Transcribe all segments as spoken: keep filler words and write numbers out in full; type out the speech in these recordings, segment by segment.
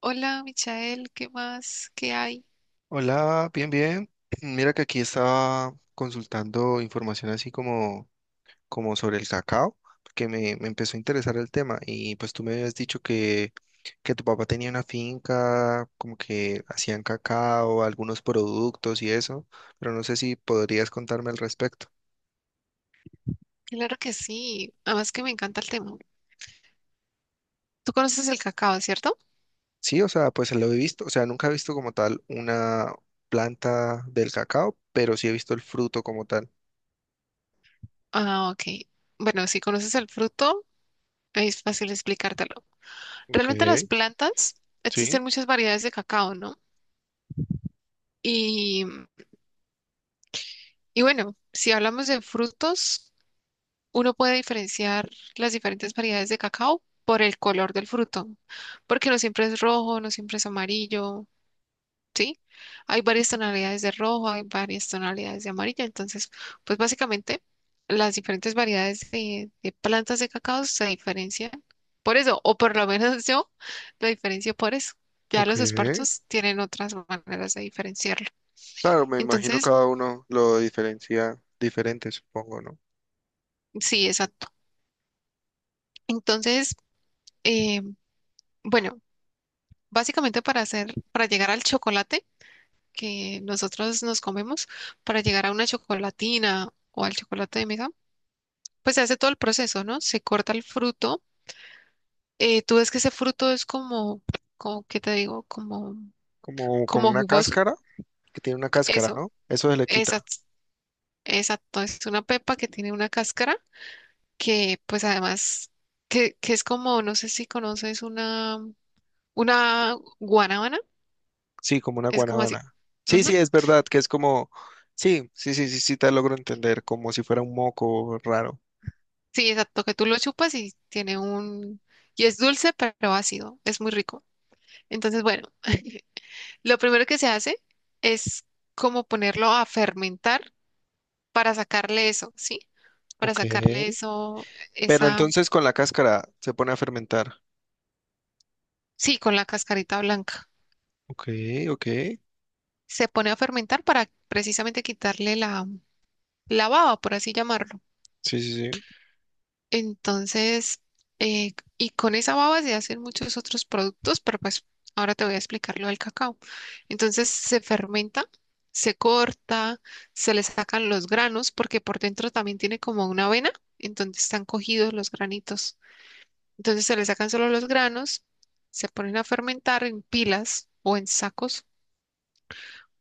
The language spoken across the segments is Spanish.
Hola, Michael, ¿qué más? ¿Qué hay? Hola, bien, bien. Mira que aquí estaba consultando información así como, como sobre el cacao, porque me, me empezó a interesar el tema y pues tú me habías dicho que, que tu papá tenía una finca, como que hacían cacao, algunos productos y eso, pero no sé si podrías contarme al respecto. Claro que sí, además que me encanta el tema. Tú conoces el cacao, ¿cierto? Sí, o sea, pues lo he visto, o sea, nunca he visto como tal una planta del cacao, pero sí he visto el fruto como tal. Ah, ok. Bueno, si conoces el fruto, es fácil explicártelo. Ok, Realmente las plantas, sí, existen muchas variedades de cacao, ¿no? Y, y bueno, si hablamos de frutos, uno puede diferenciar las diferentes variedades de cacao por el color del fruto, porque no siempre es rojo, no siempre es amarillo. ¿Sí? Hay varias tonalidades de rojo, hay varias tonalidades de amarillo, entonces, pues básicamente las diferentes variedades de, de plantas de cacao se diferencian por eso, o por lo menos yo lo diferencio por eso. Ya ok. los espartos tienen otras maneras de diferenciarlo. Claro, me imagino Entonces, cada uno lo diferencia diferente, supongo, ¿no? sí, exacto. Entonces, eh, bueno, básicamente para hacer, para llegar al chocolate que nosotros nos comemos, para llegar a una chocolatina o al chocolate de mesa, pues se hace todo el proceso, ¿no? Se corta el fruto. Eh, tú ves que ese fruto es como, como, ¿qué te digo? Como, Como, como como una jugoso. cáscara, que tiene una cáscara, Eso, ¿no? Eso se le quita. exacto, exacto. Es una pepa que tiene una cáscara que, pues además, que, que es como, no sé si conoces una, una guanábana. Sí, como una Es como así. guanábana. Sí, Ujú. sí, es verdad, que es como, sí, sí, sí, sí, sí, te logro entender, como si fuera un moco raro. Sí, exacto, que tú lo chupas y tiene un... Y es dulce, pero ácido. Es muy rico. Entonces, bueno. Lo primero que se hace es como ponerlo a fermentar para sacarle eso, ¿sí? Para Ok. sacarle eso, Pero esa, entonces con la cáscara se pone a fermentar. sí, con la cascarita blanca. Ok, ok. Sí, Se pone a fermentar para precisamente quitarle la, la baba, por así llamarlo. sí, sí. Entonces, eh, y con esa baba se hacen muchos otros productos, pero pues ahora te voy a explicar lo del cacao. Entonces se fermenta, se corta, se le sacan los granos, porque por dentro también tiene como una avena en donde están cogidos los granitos. Entonces se le sacan solo los granos, se ponen a fermentar en pilas o en sacos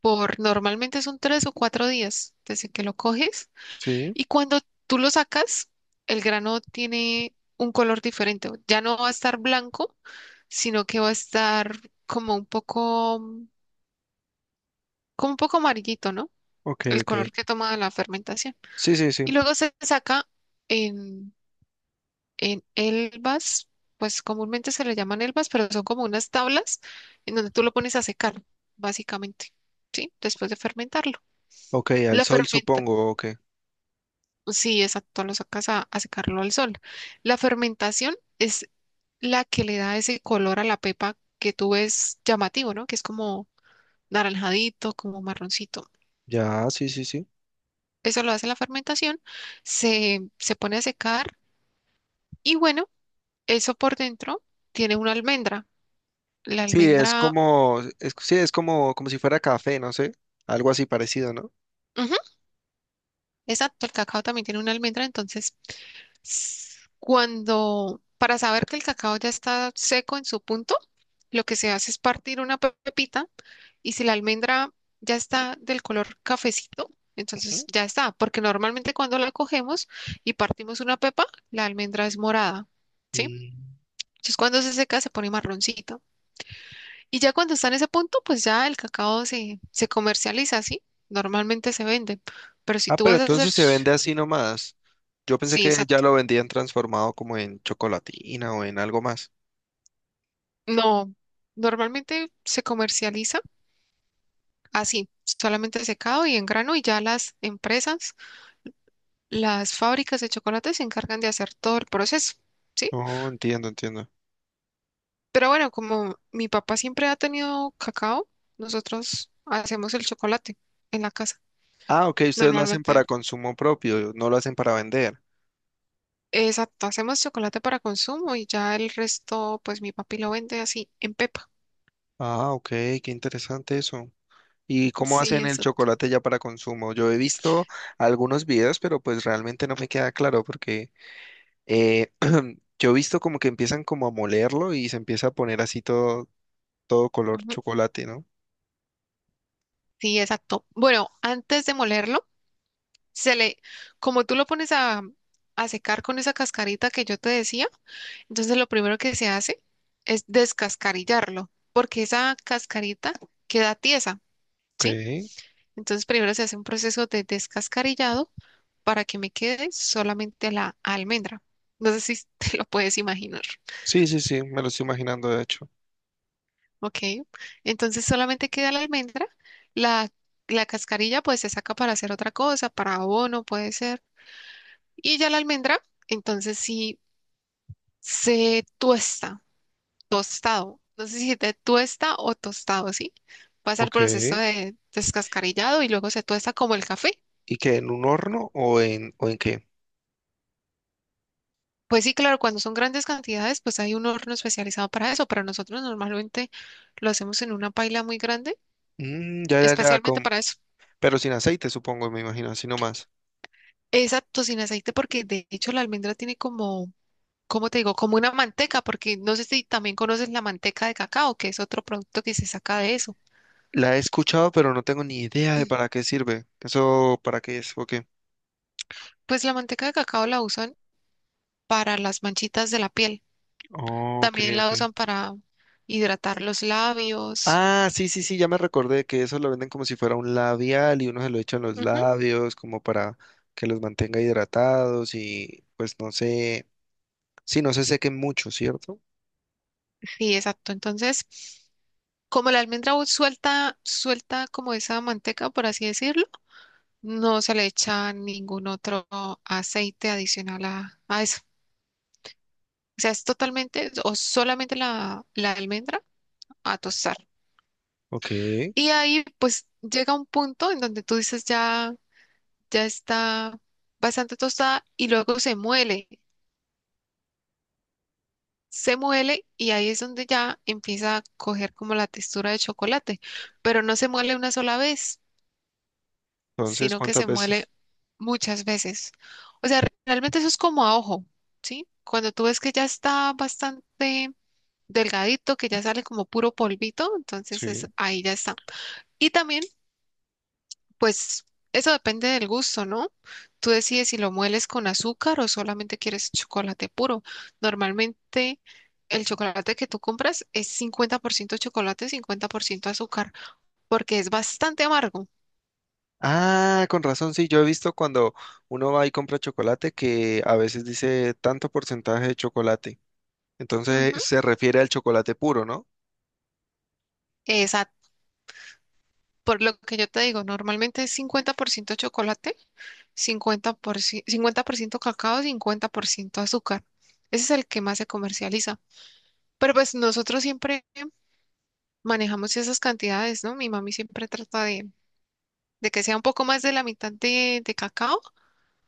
por normalmente son tres o cuatro días desde que lo coges Sí, y cuando tú lo sacas, el grano tiene un color diferente. Ya no va a estar blanco, sino que va a estar como un poco, mm, como un poco amarillito, ¿no? ok, El ok. color que toma la fermentación. Sí, sí, sí. Y luego se saca en, en elvas, pues comúnmente se le llaman elvas, pero son como unas tablas en donde tú lo pones a secar, básicamente, ¿sí? Después de fermentarlo. Ok, al La sol fermenta, supongo, ok. sí, exacto, lo sacas a a secarlo al sol. La fermentación es la que le da ese color a la pepa que tú ves llamativo, ¿no? Que es como naranjadito, como marroncito. Ya, sí, sí, sí. Eso lo hace la fermentación, se, se pone a secar y bueno, eso por dentro tiene una almendra. La Sí, es almendra, como, es, sí, es como, como si fuera café, no sé, algo así parecido, ¿no? ujú, exacto, el cacao también tiene una almendra, entonces s- cuando, para saber que el cacao ya está seco en su punto, lo que se hace es partir una pe- pepita. Y si la almendra ya está del color cafecito, entonces Ujú. ya está, porque normalmente cuando la cogemos y partimos una pepa, la almendra es morada, ¿sí? Mm. Entonces cuando se seca se pone marroncito. Y ya cuando está en ese punto, pues ya el cacao se, se comercializa, ¿sí? Normalmente se vende, pero si Ah, tú pero vas a hacer... entonces se ch- vende así nomás. Yo pensé Sí, que ya exacto. lo vendían transformado como en chocolatina o en algo más. No, normalmente se comercializa así, solamente secado y en grano y ya las empresas. Las fábricas de chocolate se encargan de hacer todo el proceso, ¿sí? Oh, entiendo, entiendo. Pero bueno, como mi papá siempre ha tenido cacao, nosotros hacemos el chocolate en la casa, Ah, ok, ustedes lo hacen normalmente. para consumo propio, no lo hacen para vender. Exacto, hacemos chocolate para consumo y ya el resto, pues mi papi lo vende así en pepa. Ah, ok, qué interesante eso. ¿Y cómo Sí, hacen el exacto. chocolate ya para consumo? Yo he visto algunos videos, pero pues realmente no me queda claro porque Eh, yo he visto como que empiezan como a molerlo y se empieza a poner así todo, todo color Ujú, chocolate, ¿no? sí, exacto. Bueno, antes de molerlo, se le, como tú lo pones a, a secar con esa cascarita que yo te decía. Entonces lo primero que se hace es descascarillarlo, porque esa cascarita queda tiesa, ¿sí? Ok. Entonces primero se hace un proceso de descascarillado para que me quede solamente la almendra. No sé si te lo puedes imaginar, Sí, sí, sí, me lo estoy imaginando de hecho. ¿ok? Entonces solamente queda la almendra, la, la cascarilla pues se saca para hacer otra cosa, para abono puede ser, y ya la almendra, entonces sí se tuesta tostado. No sé si te tuesta o tostado, ¿sí? Pasa el Ok. proceso de descascarillado y luego se tuesta como el café. ¿Y qué? ¿En un horno o en, o en qué? Pues sí, claro, cuando son grandes cantidades, pues hay un horno especializado para eso, pero nosotros normalmente lo hacemos en una paila muy grande, Mm, ya, ya, ya, especialmente con, para eso. pero sin aceite, supongo, me imagino, así nomás. Exacto, sin aceite, porque de hecho la almendra tiene como, ¿cómo te digo? Como una manteca, porque no sé si también conoces la manteca de cacao, que es otro producto que se saca de eso. La he escuchado, pero no tengo ni idea de para qué sirve. ¿Eso para qué es? Ok. Pues la manteca de cacao la usan para las manchitas de la piel. Oh, ok, También la ok. usan para hidratar los labios. Ah, sí, sí, sí, ya me recordé que eso lo venden como si fuera un labial y uno se lo echa en los Ujú, labios como para que los mantenga hidratados y pues no sé, sí, no se sequen mucho, ¿cierto? sí, exacto. Entonces, como la almendra u- suelta, suelta como esa manteca, por así decirlo, no se le echa ningún otro aceite adicional a, a eso. O sea, es totalmente o solamente la, la almendra a tostar. Ok, Y ahí pues llega un punto en donde tú dices ya, ya está bastante tostada y luego se muele. Se muele y ahí es donde ya empieza a coger como la textura de chocolate, pero no se muele una sola vez, entonces, sino que ¿cuántas se muele veces? muchas veces. O sea, realmente eso es como a ojo, ¿sí? Cuando tú ves que ya está bastante delgadito, que ya sale como puro polvito, entonces es- Sí. ahí ya está. Y también pues eso depende del gusto, ¿no? Tú decides si lo mueles con azúcar o solamente quieres chocolate puro. Normalmente el chocolate que tú compras es cincuenta por ciento chocolate, cincuenta por ciento azúcar, porque es bastante amargo. Ah, con razón, sí, yo he visto cuando uno va y compra chocolate que a veces dice tanto porcentaje de chocolate. Entonces Ujú. se refiere al chocolate puro, ¿no? Esa- por lo que yo te digo, normalmente es cincuenta por ciento chocolate, cincuenta por ciento, cincuenta por ciento cacao, cincuenta por ciento azúcar. Ese es el que más se comercializa. Pero pues nosotros siempre manejamos esas cantidades, ¿no? Mi mami siempre trata de de que sea un poco más de la mitad de, de cacao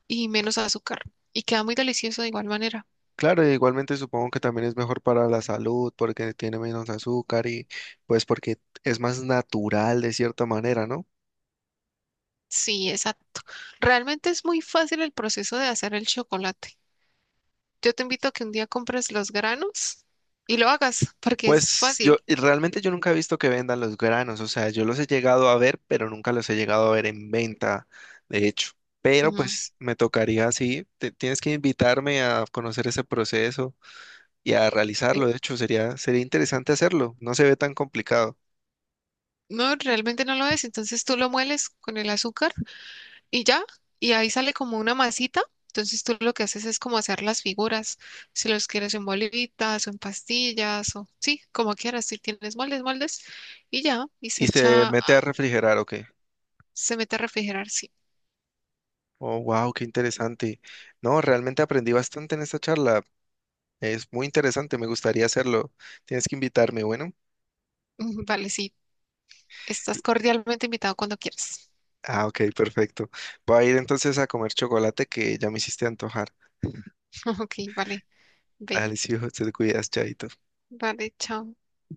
y menos azúcar. Y queda muy delicioso de igual manera. Claro, e igualmente supongo que también es mejor para la salud porque tiene menos azúcar y pues porque es más natural de cierta manera, ¿no? Sí, exacto. Realmente es muy fácil el proceso de hacer el chocolate. Yo te invito a que un día compres los granos y lo hagas, porque es Pues yo fácil. y realmente yo nunca he visto que vendan los granos, o sea, yo los he llegado a ver, pero nunca los he llegado a ver en venta, de hecho. Pero Ujú, pues me tocaría así, te- tienes que invitarme a conocer ese proceso y a sí. realizarlo, de hecho sería sería interesante hacerlo, no se ve tan complicado. No, realmente no lo es. Entonces tú lo mueles con el azúcar y ya, y ahí sale como una masita. Entonces tú lo que haces es como hacer las figuras, si los quieres en bolitas o en pastillas o sí, como quieras, si tienes moldes, moldes y ya, y se ¿Y se echa, a- mete a refrigerar o se mete a refrigerar, sí. Oh, wow, qué interesante. No, realmente aprendí bastante en esta charla. Es muy interesante, me gustaría hacerlo. Tienes que invitarme, bueno. Vale, sí, estás cordialmente invitado cuando quieras. Ah, ok, perfecto. Voy a ir entonces a comer chocolate que ya me hiciste antojar. Ok, vale, ve, Dale, sí, hijo, te cuidas, chaito. vale, chao.